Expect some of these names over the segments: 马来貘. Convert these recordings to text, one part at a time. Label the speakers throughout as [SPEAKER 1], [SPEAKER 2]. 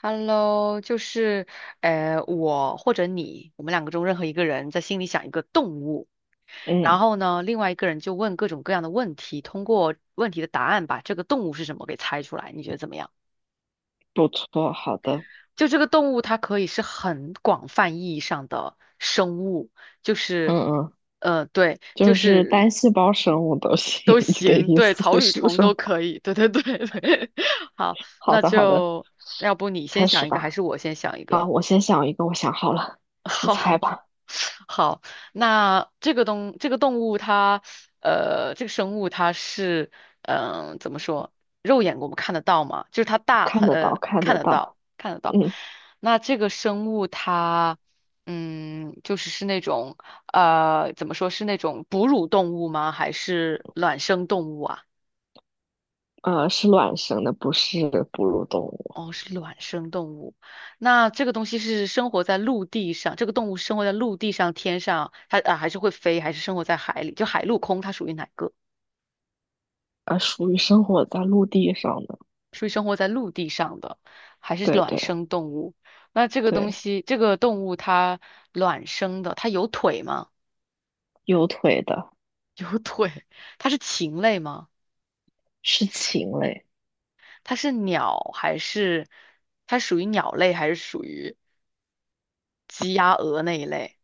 [SPEAKER 1] Hello，就是我或者你，我们两个中任何一个人在心里想一个动物，然
[SPEAKER 2] 嗯，
[SPEAKER 1] 后呢，另外一个人就问各种各样的问题，通过问题的答案把这个动物是什么给猜出来，你觉得怎么样？
[SPEAKER 2] 不错，好的，
[SPEAKER 1] 就这个动物，它可以是很广泛意义上的生物，就
[SPEAKER 2] 嗯
[SPEAKER 1] 是
[SPEAKER 2] 嗯，
[SPEAKER 1] 对，就
[SPEAKER 2] 就是
[SPEAKER 1] 是
[SPEAKER 2] 单细胞生物都行。
[SPEAKER 1] 都
[SPEAKER 2] 你的
[SPEAKER 1] 行，
[SPEAKER 2] 意
[SPEAKER 1] 对，草
[SPEAKER 2] 思
[SPEAKER 1] 履
[SPEAKER 2] 是
[SPEAKER 1] 虫都
[SPEAKER 2] 说，
[SPEAKER 1] 可以，对对对对。好，
[SPEAKER 2] 好
[SPEAKER 1] 那
[SPEAKER 2] 的，好的，
[SPEAKER 1] 就要不你先
[SPEAKER 2] 开
[SPEAKER 1] 想
[SPEAKER 2] 始
[SPEAKER 1] 一个，还
[SPEAKER 2] 吧。
[SPEAKER 1] 是我先想一
[SPEAKER 2] 好，
[SPEAKER 1] 个？
[SPEAKER 2] 我先想一个，我想好了，你
[SPEAKER 1] 好，
[SPEAKER 2] 猜 吧。
[SPEAKER 1] 好，那这个东这个动物它，这个生物它是，怎么说，肉眼我们看得到吗？就是它大
[SPEAKER 2] 看
[SPEAKER 1] 很，
[SPEAKER 2] 得到，看
[SPEAKER 1] 看
[SPEAKER 2] 得
[SPEAKER 1] 得到，
[SPEAKER 2] 到。
[SPEAKER 1] 看得到。
[SPEAKER 2] 嗯，
[SPEAKER 1] 那这个生物它，就是那种，怎么说是那种哺乳动物吗？还是卵生动物啊？
[SPEAKER 2] 是卵生的，不是哺乳动物，
[SPEAKER 1] 哦，是卵生动物。那这个东西是生活在陆地上，这个动物生活在陆地上、天上，它啊还是会飞，还是生活在海里？就海陆空，它属于哪个？
[SPEAKER 2] 属于生活在陆地上的。
[SPEAKER 1] 属于生活在陆地上的，还是
[SPEAKER 2] 对
[SPEAKER 1] 卵
[SPEAKER 2] 对
[SPEAKER 1] 生动物？那这个东
[SPEAKER 2] 对，
[SPEAKER 1] 西，这个动物它卵生的，它有腿吗？
[SPEAKER 2] 有腿的，
[SPEAKER 1] 有腿。它是禽类吗？
[SPEAKER 2] 是禽类，
[SPEAKER 1] 它是鸟还是它属于鸟类还是属于鸡鸭鹅那一类？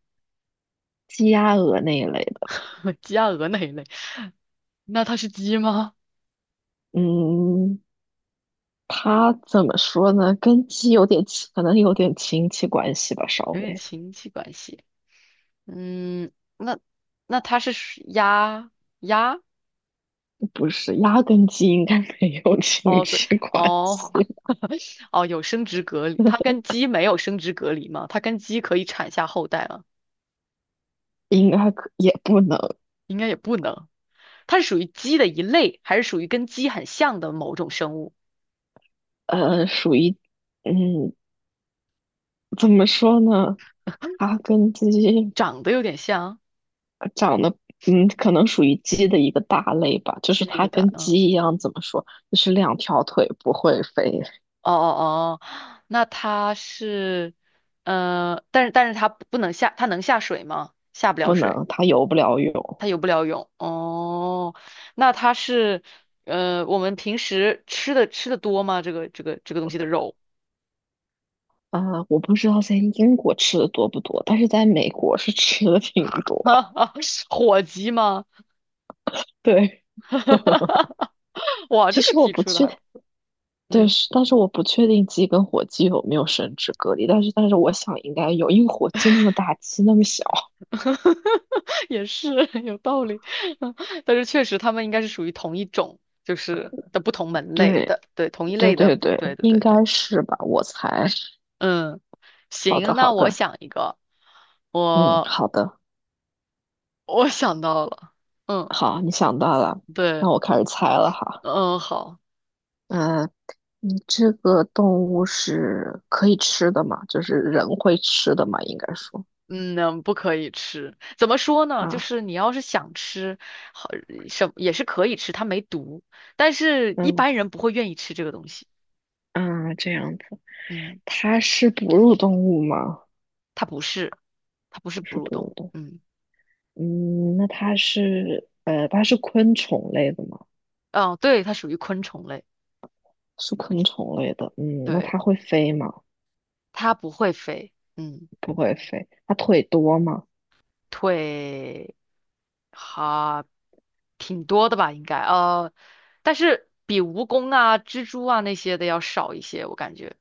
[SPEAKER 2] 鸡鸭鹅那一类的。
[SPEAKER 1] 鸡鸭鹅那一类？那它是鸡吗？
[SPEAKER 2] 嗯，它怎么说呢？跟鸡有点亲，可能有点亲戚关系吧，稍
[SPEAKER 1] 有点
[SPEAKER 2] 微。
[SPEAKER 1] 亲戚关系。嗯，那那它是属鸭
[SPEAKER 2] 不是，鸭跟鸡应该没有亲
[SPEAKER 1] 哦，对
[SPEAKER 2] 戚关系，
[SPEAKER 1] 哦 哦，有生殖隔离，它跟 鸡没有生殖隔离吗？它跟鸡可以产下后代吗？
[SPEAKER 2] 应该可也不能，
[SPEAKER 1] 应该也不能。它是属于鸡的一类，还是属于跟鸡很像的某种生物？
[SPEAKER 2] 属于，嗯，怎么说呢？它跟鸡
[SPEAKER 1] 长得有点像
[SPEAKER 2] 长得，嗯，可能属于鸡的一个大类吧，就
[SPEAKER 1] 鸡
[SPEAKER 2] 是
[SPEAKER 1] 类
[SPEAKER 2] 它
[SPEAKER 1] 个蛋。
[SPEAKER 2] 跟
[SPEAKER 1] 嗯，哦
[SPEAKER 2] 鸡一样，怎么说？就是两条腿不会飞，
[SPEAKER 1] 哦哦，那它是但是它不能下，它能下水吗？下不了
[SPEAKER 2] 不
[SPEAKER 1] 水。
[SPEAKER 2] 能，它游不了泳。
[SPEAKER 1] 它游不了泳哦，那它是我们平时吃的多吗？这个东西的肉，
[SPEAKER 2] 啊、我不知道在英国吃的多不多，但是在美国是吃的挺 多。
[SPEAKER 1] 哈哈，火鸡吗？
[SPEAKER 2] 对，
[SPEAKER 1] 哇，
[SPEAKER 2] 其
[SPEAKER 1] 这个
[SPEAKER 2] 实我
[SPEAKER 1] 题
[SPEAKER 2] 不
[SPEAKER 1] 出的
[SPEAKER 2] 确
[SPEAKER 1] 还不
[SPEAKER 2] 对，
[SPEAKER 1] 嗯，
[SPEAKER 2] 是，但是我不确定鸡跟火鸡有没有生殖隔离，但是我想应该有，因为火鸡那么大，鸡那么小。
[SPEAKER 1] 也是 有道理，嗯，但是确实它们应该是属于同一种，就是的不同门类
[SPEAKER 2] 对，
[SPEAKER 1] 的，对，同一
[SPEAKER 2] 对
[SPEAKER 1] 类的，
[SPEAKER 2] 对
[SPEAKER 1] 不对，
[SPEAKER 2] 对，
[SPEAKER 1] 对
[SPEAKER 2] 应
[SPEAKER 1] 对对，
[SPEAKER 2] 该是吧，我猜。
[SPEAKER 1] 嗯，
[SPEAKER 2] 好
[SPEAKER 1] 行，
[SPEAKER 2] 的，
[SPEAKER 1] 那
[SPEAKER 2] 好
[SPEAKER 1] 我
[SPEAKER 2] 的，
[SPEAKER 1] 想一个，
[SPEAKER 2] 嗯，
[SPEAKER 1] 我
[SPEAKER 2] 好的，
[SPEAKER 1] 我想到了，嗯，
[SPEAKER 2] 好，你想到了，那
[SPEAKER 1] 对，
[SPEAKER 2] 我开始猜了哈。
[SPEAKER 1] 嗯，好。
[SPEAKER 2] 嗯，你这个动物是可以吃的吗？就是人会吃的吗？应该说
[SPEAKER 1] 嗯，不可以吃。怎么说呢？就
[SPEAKER 2] 啊，
[SPEAKER 1] 是你要是想吃，好，什也是可以吃，它没毒。但是一
[SPEAKER 2] 嗯
[SPEAKER 1] 般人不会愿意吃这个东西。
[SPEAKER 2] 嗯，这样子，
[SPEAKER 1] 嗯，
[SPEAKER 2] 它是哺乳动物吗？
[SPEAKER 1] 它不是，它不是
[SPEAKER 2] 不
[SPEAKER 1] 哺
[SPEAKER 2] 是
[SPEAKER 1] 乳
[SPEAKER 2] 哺
[SPEAKER 1] 动
[SPEAKER 2] 乳
[SPEAKER 1] 物。
[SPEAKER 2] 动物。
[SPEAKER 1] 嗯，
[SPEAKER 2] 嗯，那它是它是昆虫类的吗？
[SPEAKER 1] 哦，对，它属于昆虫类。
[SPEAKER 2] 是昆虫类的。嗯，那
[SPEAKER 1] 对，
[SPEAKER 2] 它会飞吗？
[SPEAKER 1] 它不会飞。嗯。
[SPEAKER 2] 不会飞。它腿多吗？
[SPEAKER 1] 腿哈、挺多的吧，应该但是比蜈蚣啊、蜘蛛啊那些的要少一些，我感觉。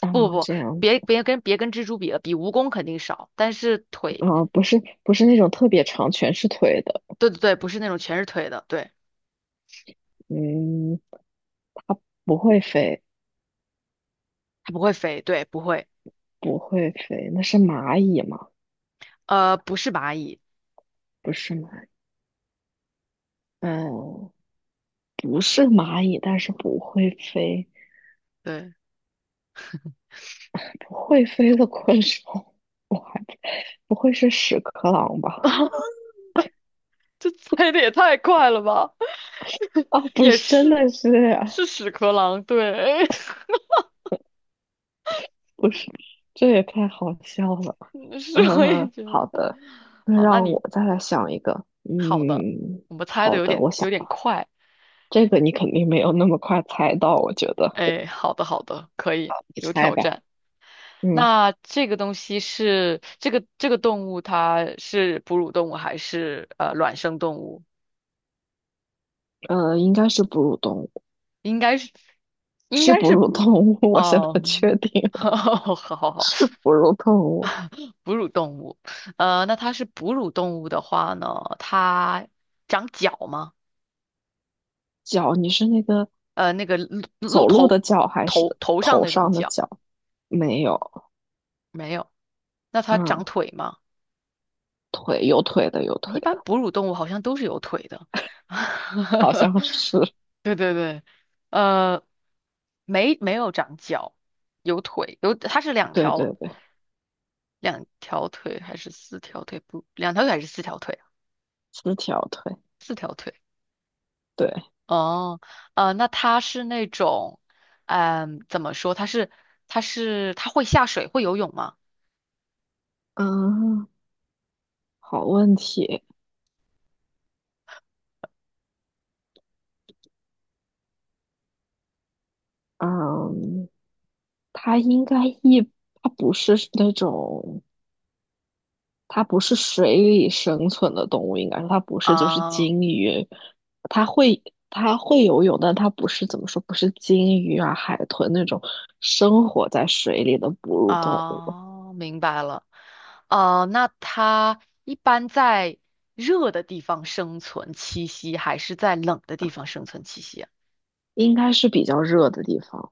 [SPEAKER 2] 啊，
[SPEAKER 1] 不不不，
[SPEAKER 2] 这样
[SPEAKER 1] 别
[SPEAKER 2] 子
[SPEAKER 1] 别跟别跟蜘蛛比了，比蜈蚣肯定少，但是腿，
[SPEAKER 2] 啊，不是不是那种特别长，全是腿的。
[SPEAKER 1] 对对对，不是那种全是腿的，对，
[SPEAKER 2] 嗯，不会飞，
[SPEAKER 1] 它不会飞，对，不会，
[SPEAKER 2] 不会飞。那是蚂蚁吗？
[SPEAKER 1] 不是蚂蚁，
[SPEAKER 2] 不是蚂蚁嗯，不是蚂蚁，但是不会飞，
[SPEAKER 1] 对，
[SPEAKER 2] 不会飞的昆虫，我还不会是屎壳郎吧？
[SPEAKER 1] 这猜的也太快了吧，
[SPEAKER 2] 啊，不
[SPEAKER 1] 也
[SPEAKER 2] 是，真
[SPEAKER 1] 是，
[SPEAKER 2] 的是。
[SPEAKER 1] 是屎壳郎，对，
[SPEAKER 2] 不是，这也太好笑了。
[SPEAKER 1] 是
[SPEAKER 2] 嗯，
[SPEAKER 1] 我也
[SPEAKER 2] 嗯
[SPEAKER 1] 觉
[SPEAKER 2] 好
[SPEAKER 1] 得，
[SPEAKER 2] 的，那
[SPEAKER 1] 好，
[SPEAKER 2] 让我再来想一个。
[SPEAKER 1] 好的，
[SPEAKER 2] 嗯，
[SPEAKER 1] 我们猜的
[SPEAKER 2] 好
[SPEAKER 1] 有
[SPEAKER 2] 的，
[SPEAKER 1] 点
[SPEAKER 2] 我
[SPEAKER 1] 有
[SPEAKER 2] 想
[SPEAKER 1] 点快。
[SPEAKER 2] 这个你肯定没有那么快猜到，我觉得
[SPEAKER 1] 哎，好的好的，可以，
[SPEAKER 2] 你
[SPEAKER 1] 有
[SPEAKER 2] 猜
[SPEAKER 1] 挑
[SPEAKER 2] 吧。
[SPEAKER 1] 战。
[SPEAKER 2] 嗯，
[SPEAKER 1] 那这个东西是这个这个动物，它是哺乳动物还是卵生动物？
[SPEAKER 2] 应该是哺乳动物，
[SPEAKER 1] 应该是应
[SPEAKER 2] 是
[SPEAKER 1] 该
[SPEAKER 2] 哺
[SPEAKER 1] 是哺
[SPEAKER 2] 乳动
[SPEAKER 1] 乳
[SPEAKER 2] 物，我现在
[SPEAKER 1] 哦，
[SPEAKER 2] 确定 了
[SPEAKER 1] 好好好，
[SPEAKER 2] 是哺乳动物。
[SPEAKER 1] 哺乳动物。那它是哺乳动物的话呢，它长角吗？
[SPEAKER 2] 脚，你是那个
[SPEAKER 1] 那个露鹿
[SPEAKER 2] 走路
[SPEAKER 1] 头
[SPEAKER 2] 的脚还
[SPEAKER 1] 头
[SPEAKER 2] 是
[SPEAKER 1] 头上
[SPEAKER 2] 头
[SPEAKER 1] 那种
[SPEAKER 2] 上的
[SPEAKER 1] 角
[SPEAKER 2] 脚？没有，
[SPEAKER 1] 没有？那它长
[SPEAKER 2] 嗯，
[SPEAKER 1] 腿吗？
[SPEAKER 2] 腿有腿的有
[SPEAKER 1] 一
[SPEAKER 2] 腿
[SPEAKER 1] 般
[SPEAKER 2] 的，
[SPEAKER 1] 哺乳动物好像都是有腿的。
[SPEAKER 2] 好像 是，
[SPEAKER 1] 对对对，呃，没有长脚，有腿，它是两
[SPEAKER 2] 对
[SPEAKER 1] 条
[SPEAKER 2] 对对，
[SPEAKER 1] 两条腿还是四条腿？不，两条腿还是四条腿啊？
[SPEAKER 2] 四条腿。
[SPEAKER 1] 四条腿。
[SPEAKER 2] 对。
[SPEAKER 1] 哦，那它是那种，怎么说？它会下水，会游泳吗？
[SPEAKER 2] 嗯，好问题。嗯，它应该一，它不是那种，它不是水里生存的动物，应该说它不是就是
[SPEAKER 1] 啊、
[SPEAKER 2] 鲸鱼，它会它会游泳，但它不是怎么说，不是鲸鱼啊、海豚那种生活在水里的哺乳动物，
[SPEAKER 1] 哦，明白了。那它一般在热的地方生存栖息，还是在冷的地方生存栖息啊？
[SPEAKER 2] 应该是比较热的地方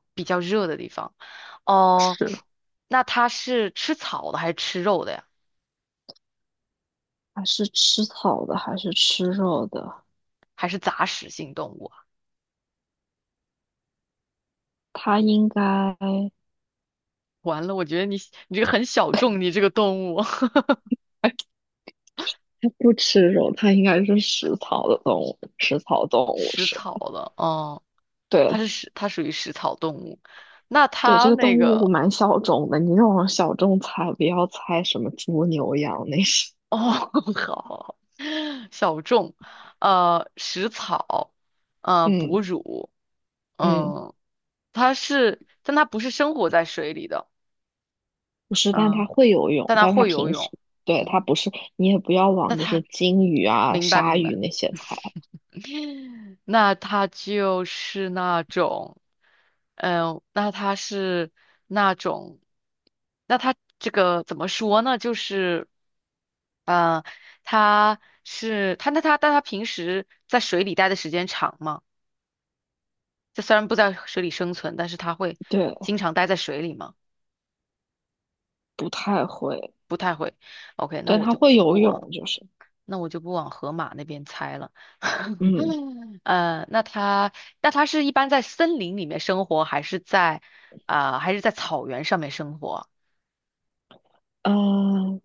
[SPEAKER 1] 哦，
[SPEAKER 2] 是
[SPEAKER 1] 那它是吃草的，还是吃肉的呀？
[SPEAKER 2] 还是吃草的，还是吃肉的？
[SPEAKER 1] 还是杂食性动物啊？
[SPEAKER 2] 它应该。
[SPEAKER 1] 完了，我觉得你这个很小众，你这个动物
[SPEAKER 2] 它不吃肉，它应该是食草的动物，食草动物
[SPEAKER 1] 食
[SPEAKER 2] 是。
[SPEAKER 1] 草的，哦，
[SPEAKER 2] 对
[SPEAKER 1] 它属于食草动物。那
[SPEAKER 2] 对，这
[SPEAKER 1] 它
[SPEAKER 2] 个
[SPEAKER 1] 那
[SPEAKER 2] 动物
[SPEAKER 1] 个。
[SPEAKER 2] 蛮小众的，你这种小众猜，不要猜什么猪、牛、羊那些。
[SPEAKER 1] 哦，好小众，食草，哺
[SPEAKER 2] 嗯
[SPEAKER 1] 乳，
[SPEAKER 2] 嗯，
[SPEAKER 1] 嗯，它是，但它不是生活在水里的，
[SPEAKER 2] 不是，但它
[SPEAKER 1] 嗯，
[SPEAKER 2] 会游泳，
[SPEAKER 1] 但它
[SPEAKER 2] 但它
[SPEAKER 1] 会游
[SPEAKER 2] 平时
[SPEAKER 1] 泳，
[SPEAKER 2] 对它
[SPEAKER 1] 嗯，
[SPEAKER 2] 不是，你也不要
[SPEAKER 1] 那
[SPEAKER 2] 往就
[SPEAKER 1] 它，
[SPEAKER 2] 是金鱼啊、
[SPEAKER 1] 明白
[SPEAKER 2] 鲨
[SPEAKER 1] 明
[SPEAKER 2] 鱼
[SPEAKER 1] 白，
[SPEAKER 2] 那些猜，
[SPEAKER 1] 那它就是那种，那它是那种，那它这个怎么说呢？就是，呃，它是它那它但它平时在水里待的时间长吗？它虽然不在水里生存，但是它会
[SPEAKER 2] 对，
[SPEAKER 1] 经常待在水里吗？
[SPEAKER 2] 不太会。
[SPEAKER 1] 不太会。OK，
[SPEAKER 2] 但它会游
[SPEAKER 1] 不往，
[SPEAKER 2] 泳，就是
[SPEAKER 1] 那我就不往河马那边猜了。
[SPEAKER 2] 嗯
[SPEAKER 1] 呃，那它那它是一般在森林里面生活，还是在草原上面生活？
[SPEAKER 2] 嗯，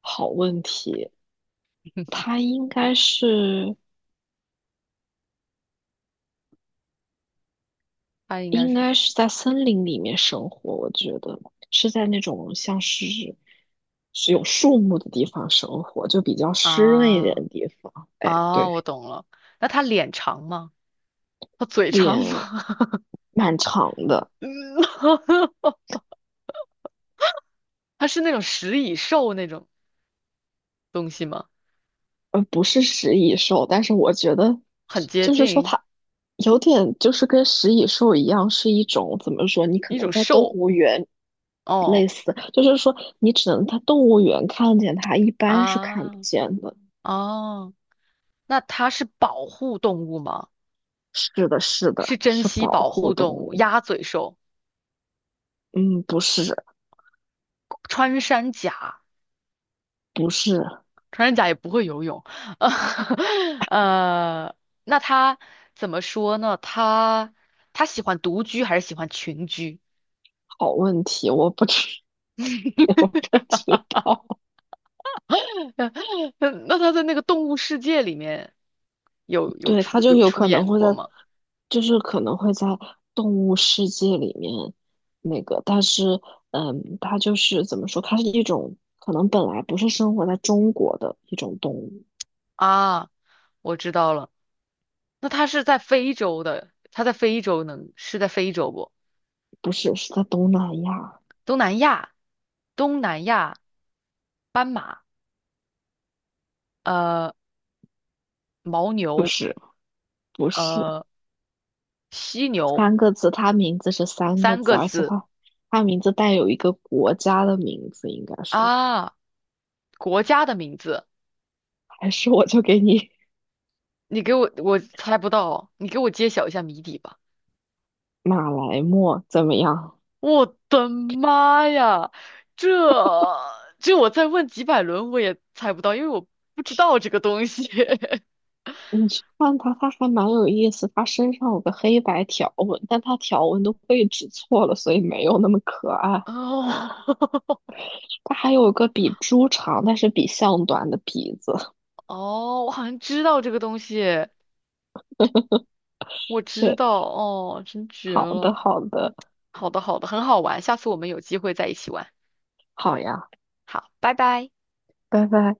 [SPEAKER 2] 好问题，它应该是。
[SPEAKER 1] 它应该
[SPEAKER 2] 应
[SPEAKER 1] 是
[SPEAKER 2] 该是在森林里面生活，我觉得是在那种像是是有树木的地方生活，就比较湿润一点
[SPEAKER 1] 啊
[SPEAKER 2] 的地方。哎，
[SPEAKER 1] 啊，我
[SPEAKER 2] 对，
[SPEAKER 1] 懂了。那它脸长吗？它嘴长
[SPEAKER 2] 脸
[SPEAKER 1] 吗？
[SPEAKER 2] 蛮长的，
[SPEAKER 1] 嗯，它是那种食蚁兽那种东西吗？
[SPEAKER 2] 不是食蚁兽，但是我觉得
[SPEAKER 1] 很接
[SPEAKER 2] 就是说
[SPEAKER 1] 近
[SPEAKER 2] 它有点就是跟食蚁兽一样，是一种怎么说？你可
[SPEAKER 1] 一
[SPEAKER 2] 能
[SPEAKER 1] 种
[SPEAKER 2] 在动
[SPEAKER 1] 兽
[SPEAKER 2] 物园
[SPEAKER 1] 哦。
[SPEAKER 2] 类似，就是说你只能在动物园看见它，一般是看
[SPEAKER 1] 啊，
[SPEAKER 2] 不见的。
[SPEAKER 1] 哦，那它是保护动物吗？
[SPEAKER 2] 是的，是的，
[SPEAKER 1] 是珍
[SPEAKER 2] 是
[SPEAKER 1] 稀
[SPEAKER 2] 保
[SPEAKER 1] 保
[SPEAKER 2] 护
[SPEAKER 1] 护
[SPEAKER 2] 动
[SPEAKER 1] 动物，
[SPEAKER 2] 物。
[SPEAKER 1] 鸭嘴兽，
[SPEAKER 2] 嗯，不是，
[SPEAKER 1] 穿山甲，
[SPEAKER 2] 不是，
[SPEAKER 1] 穿山甲也不会游泳，呃，那它怎么说呢？它喜欢独居还是喜欢群居？
[SPEAKER 2] 好问题，我不知 不知道。
[SPEAKER 1] 那它在那个动物世界里面有有
[SPEAKER 2] 对，它
[SPEAKER 1] 出
[SPEAKER 2] 就
[SPEAKER 1] 有
[SPEAKER 2] 有
[SPEAKER 1] 出
[SPEAKER 2] 可能
[SPEAKER 1] 演
[SPEAKER 2] 会在，
[SPEAKER 1] 过吗？
[SPEAKER 2] 就是可能会在动物世界里面那个，但是，嗯，它就是怎么说，它是一种可能本来不是生活在中国的一种动物，
[SPEAKER 1] 啊，我知道了，那它是在非洲的，它在非洲能是在非洲不？
[SPEAKER 2] 不是，是在东南亚，
[SPEAKER 1] 东南亚，东南亚斑马，呃，牦
[SPEAKER 2] 不
[SPEAKER 1] 牛，
[SPEAKER 2] 是，不是，
[SPEAKER 1] 呃，犀牛，
[SPEAKER 2] 三个字，它名字是三个
[SPEAKER 1] 三
[SPEAKER 2] 字，
[SPEAKER 1] 个
[SPEAKER 2] 而且
[SPEAKER 1] 字
[SPEAKER 2] 它它名字带有一个国家的名字，应该说。
[SPEAKER 1] 啊，国家的名字，
[SPEAKER 2] 还是我就给你
[SPEAKER 1] 你给我，我猜不到哦，你给我揭晓一下谜底吧。
[SPEAKER 2] 马来貘怎么样？
[SPEAKER 1] 我的妈呀，这这我再问几百轮我也猜不到，因为我不知道这个东西。
[SPEAKER 2] 你去看它，它还蛮有意思。它身上有个黑白条纹，但它条纹的位置错了，所以没有那么可爱。
[SPEAKER 1] 哦
[SPEAKER 2] 它还有个比猪长，但是比象短的鼻子。
[SPEAKER 1] 哦，我好像知道这个东西，我 知
[SPEAKER 2] 对，
[SPEAKER 1] 道哦，真绝
[SPEAKER 2] 好
[SPEAKER 1] 了。
[SPEAKER 2] 的，好的，
[SPEAKER 1] 好的，好的，很好玩，下次我们有机会再一起玩。
[SPEAKER 2] 好呀，
[SPEAKER 1] 好，拜拜。
[SPEAKER 2] 拜拜。